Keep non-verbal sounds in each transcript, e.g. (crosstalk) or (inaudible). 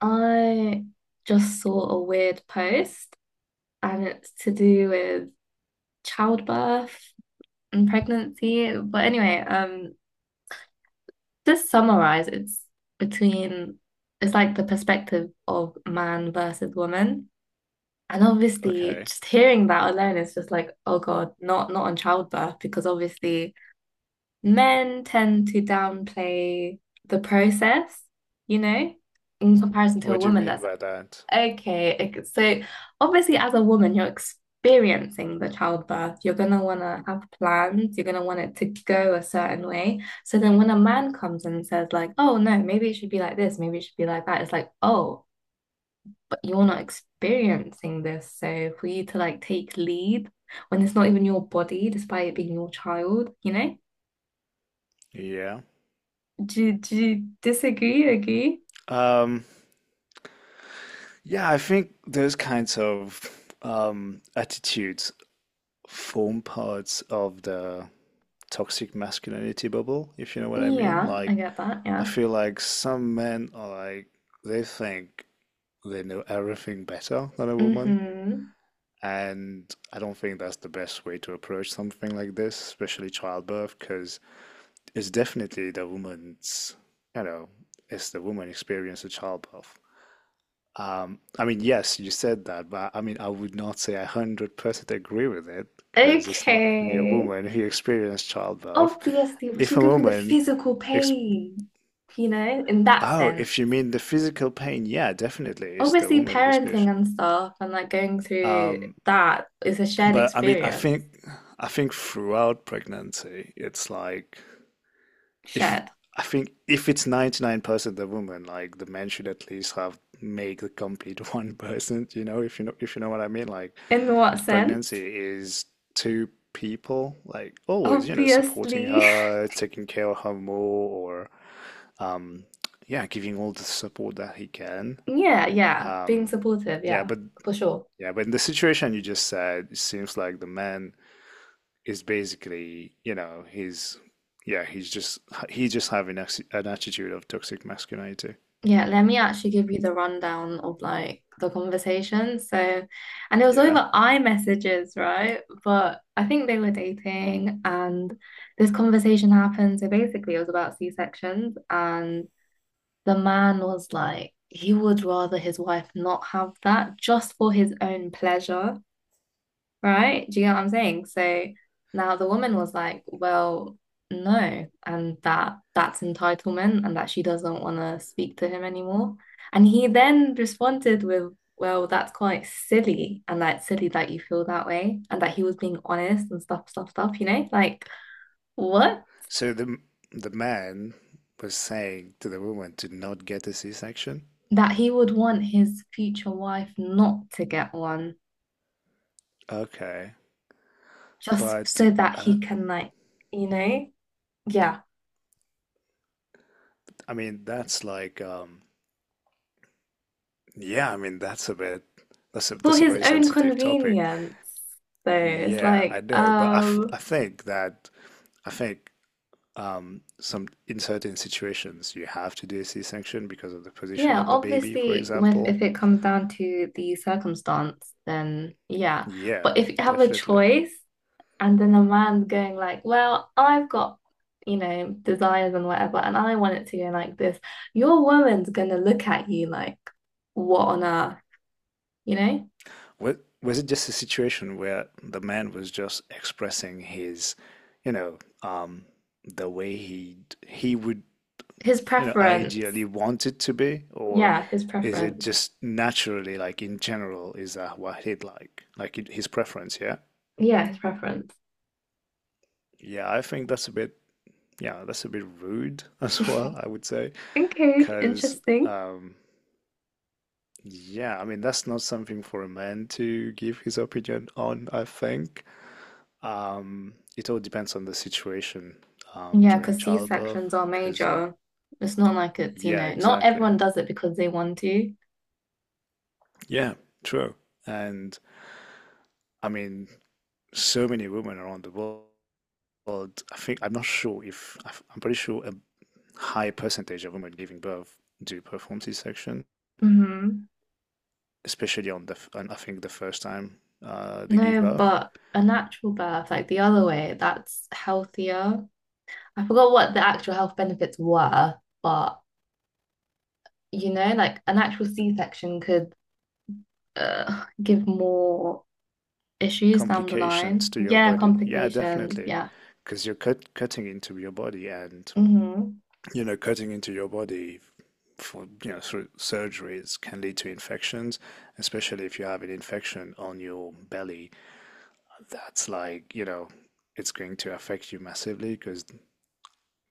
I just saw a weird post, and it's to do with childbirth and pregnancy. But anyway, just summarize it's between it's like the perspective of man versus woman. And obviously Okay. just hearing that alone is just like, oh God, not on childbirth, because obviously men tend to downplay the process, you know, in comparison to a What do you woman mean that's by that? okay, okay. So obviously as a woman, you're experiencing the childbirth. You're gonna wanna have plans. You're gonna want it to go a certain way. So then when a man comes and says like, oh no, maybe it should be like this, maybe it should be like that, it's like, oh, but you're not experiencing this. So for you to like take lead when it's not even your body, despite it being your child, you know? Yeah. Do you disagree? Agree? Um, yeah, I think those kinds of attitudes form parts of the toxic masculinity bubble, if you know what I mean. Yeah, I Like, get that. I Yeah. feel like some men are like, they think they know everything better than a woman. Mm-hmm. And I don't think that's the best way to approach something like this, especially childbirth, because it's definitely the woman's, you know, it's the woman experience of childbirth. I mean, yes, you said that, but I mean, I would not say I 100% agree with it because it's not only a Okay. woman who experienced childbirth. Obviously, If she's a going through the woman, physical ex pain, you know, in that oh, sense. if you mean the physical pain, yeah, definitely it's the Obviously, woman who parenting experienced. and stuff and like going through Um, that is a shared but I mean, experience. I think throughout pregnancy, it's like if Shared. I think if it's 99% the woman, like the man should at least have make the complete (laughs) 1%, you know, if you know, if you know what I mean, like. In what Pregnancy sense? is two people like always, you know, supporting Obviously. (laughs) her, taking care of her more, or yeah, giving all the support that he can. Yeah, yeah. Being Um, supportive, yeah, yeah, but for sure. yeah, but in the situation you just said, it seems like the man is basically, you know, yeah, he's just he's just having an attitude of toxic masculinity. Yeah, let me actually give you the rundown of like the conversation. So, and it was Yeah. over iMessages, right? But I think they were dating and this conversation happened. So basically, it was about C-sections, and the man was like, he would rather his wife not have that just for his own pleasure, right? Do you get what I'm saying? So now the woman was like, well, no, and that's entitlement and that she doesn't want to speak to him anymore. And he then responded with, well, that's quite silly and that's silly that you feel that way and that he was being honest and stuff, stuff, stuff, you know? Like, what? So the man was saying to the woman to not get a C-section. That he would want his future wife not to get one Okay. just But so that I he don't, can like, you know? Yeah. I mean, that's like, yeah, I mean, that's a bit, For that's a his very own sensitive topic. convenience. So it's Yeah, I like, know, but I, f I think that, I think, um, some, in certain situations, you have to do a C-section because of the position yeah, of the baby, for obviously, with example. if it comes down to the circumstance, then yeah. Yeah, But if you have a definitely. choice, and then a man's going like, well, I've got, you know, desires and whatever, and I want it to go like this, your woman's gonna look at you like, what on earth, you know? Was, was it just a situation where the man was just expressing his, you know, the way he would, His you know, preference. ideally want it to be, or Yeah, his is it preference. just naturally, like in general, is that what he'd like, his preference? Yeah, Yeah, his preference. yeah. I think that's a bit, yeah, that's a bit rude (laughs) as (laughs) well. I would say, Okay, because, interesting. um, yeah, I mean, that's not something for a man to give his opinion on, I think. It all depends on the situation Yeah, during because childbirth, C-sections are because, major. It's not like it's, you yeah, know, not exactly. everyone does it because they want to. Yeah, true. And I mean, so many women around the world, I think, I'm not sure if, I'm pretty sure a high percentage of women giving birth do perform C-section, Hmm. especially on on, I think, the first time they give No, birth. but a natural birth, like the other way, that's healthier. I forgot what the actual health benefits were, but you know, like an actual C-section could give more issues down the Complications line. to your Yeah, body. Yeah, complications. definitely. Yeah. Because you're cutting into your body and, Mm-hmm. you know, cutting into your body for you know through surgeries can lead to infections, especially if you have an infection on your belly that's like you know it's going to affect you massively because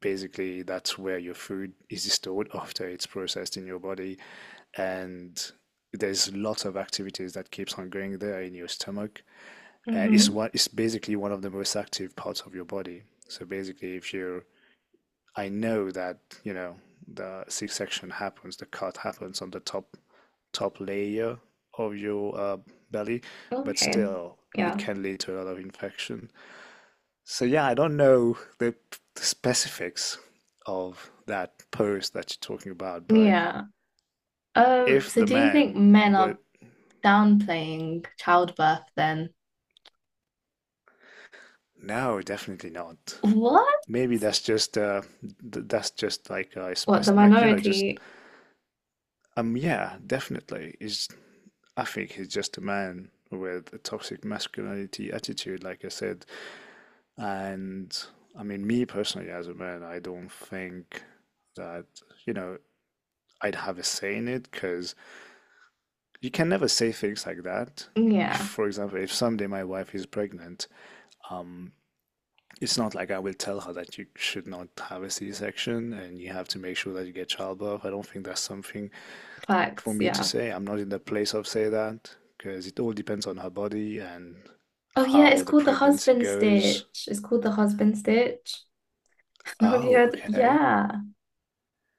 basically that's where your food is stored (laughs) after it's processed in your body, and there's lots of activities that keeps on going there in your stomach. It's Mm-hmm. what it's basically one of the most active parts of your body. So basically if you're, I know that, you know, the six section happens, the cut happens on the top layer of your belly, but Okay. still it Yeah. can lead to a lot of infection. So yeah, I don't know the specifics of that post that you're talking about, but Yeah. If So the do you think man men are would, downplaying childbirth then. no, definitely not. What? Maybe that's just like a What, spec, the like you know, just minority? Yeah, definitely. It's I think he's just a man with a toxic masculinity attitude, like I said. And I mean, me personally, as a man, I don't think that, you know, I'd have a say in it because you can never say things like that. If, Yeah, for example, if someday my wife is pregnant, um, it's not like I will tell her that you should not have a C-section and you have to make sure that you get childbirth. I don't think that's something for facts, me to yeah. say. I'm not in the place of say that because it all depends on her body and Oh yeah, it's how the called the pregnancy husband goes. stitch. It's called the husband stitch. (laughs) Have you Oh, heard? okay. Yeah.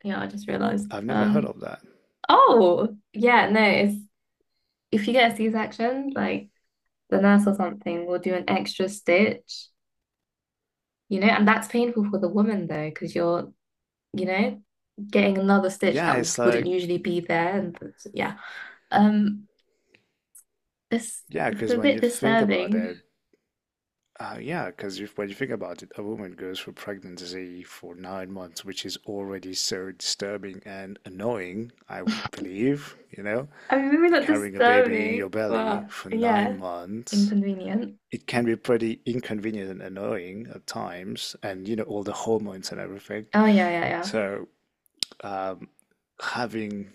Yeah, I just realized. I've never heard of that. Oh, yeah, no, it's if you get a C-section, like the nurse or something will do an extra stitch, you know, and that's painful for the woman though, because you're, you know, getting another stitch Yeah, that it's wouldn't like usually be there. And yeah. Um, It's yeah, it's because a when bit you think about disturbing. it, yeah, because when you think about it, a woman goes through pregnancy for 9 months, which is already so disturbing and annoying, I would believe, you know, I mean, maybe not carrying a baby in disturbing, your belly but for nine yeah, months inconvenient. It can be pretty inconvenient and annoying at times, and you know, all the hormones and everything. Oh yeah, yeah, yeah. So, um, having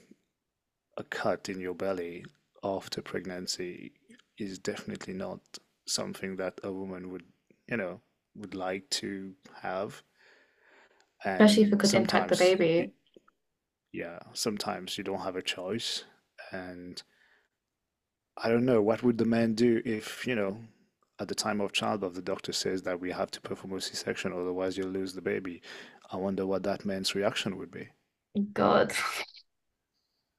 a cut in your belly after pregnancy is definitely not something that a woman would, you know, would like to have. Especially if it And could impact the sometimes, baby. yeah, sometimes you don't have a choice, and I don't know, what would the man do if, you know, at the time of childbirth, the doctor says that we have to perform a C-section, otherwise you'll lose the baby. I wonder what that man's reaction would be. God. (laughs)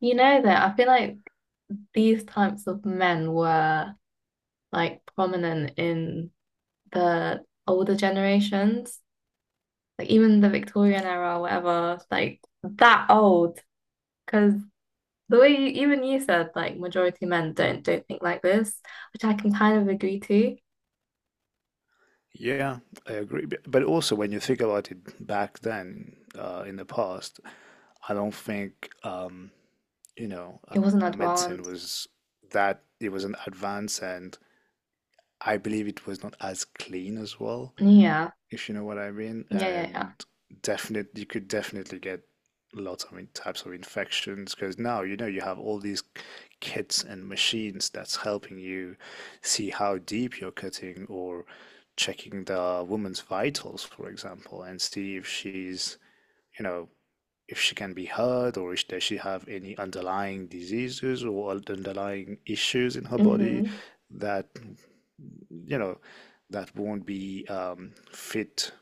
You know that I feel like these types of men were like prominent in the older generations, like even the Victorian era or whatever, like that old. Because the way you, even you said, like majority men don't think like this, which I can kind of agree to. Yeah, I agree. But also, when you think about it back then, in the past, I don't think, you know, It wasn't medicine advanced. was it was an advance, and I believe it was not as clean as well, Yeah, if you know what I mean. yeah, yeah, And you could definitely get lots of types of infections, because now you know you have all these kits and machines that's helping you see how deep you're cutting or checking the woman's vitals, for example, and see if she's, you know, if she can be hurt or if does she have any underlying diseases or underlying issues in her yeah. body Hmm. that you know, that won't be fit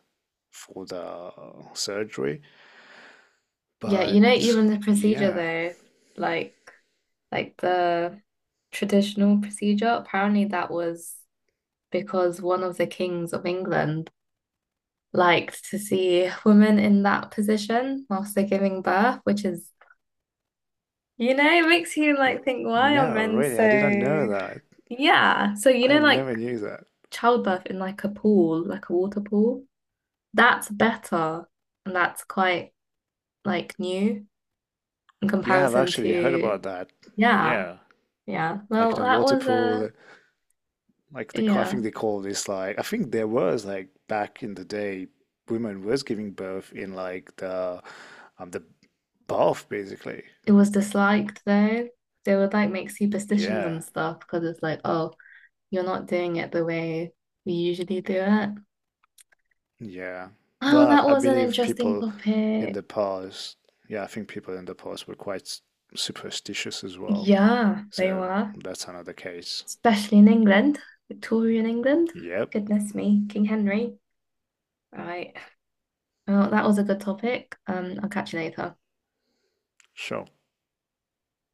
for the surgery. Yeah, you know, But even the procedure yeah, though, like like the traditional procedure, apparently that was because one of the kings of England liked to see women in that position whilst they're giving birth, which is, you know, it makes you like think, why are no, men really, I didn't so know that. yeah. So you I know, like never knew that. childbirth in like a pool, like a water pool, that's better and that's quite like new. In Yeah, I've comparison actually heard to about that. yeah, Yeah, yeah. like Well, the that water was a pool, like the I yeah. think they call this like I think there was like back in the day, women was giving birth in like the the bath basically. It was disliked though. They would like make superstitions Yeah, and stuff because it's like, oh, you're not doing it the way we usually do it. yeah. Oh, Well, that I was an believe interesting people in topic. the past, yeah, I think people in the past were quite superstitious as well. Yeah, they So were, that's another case. especially in England, Victorian England. Yep, Goodness me, King Henry. Right. Well, that was a good topic. I'll catch you later. sure.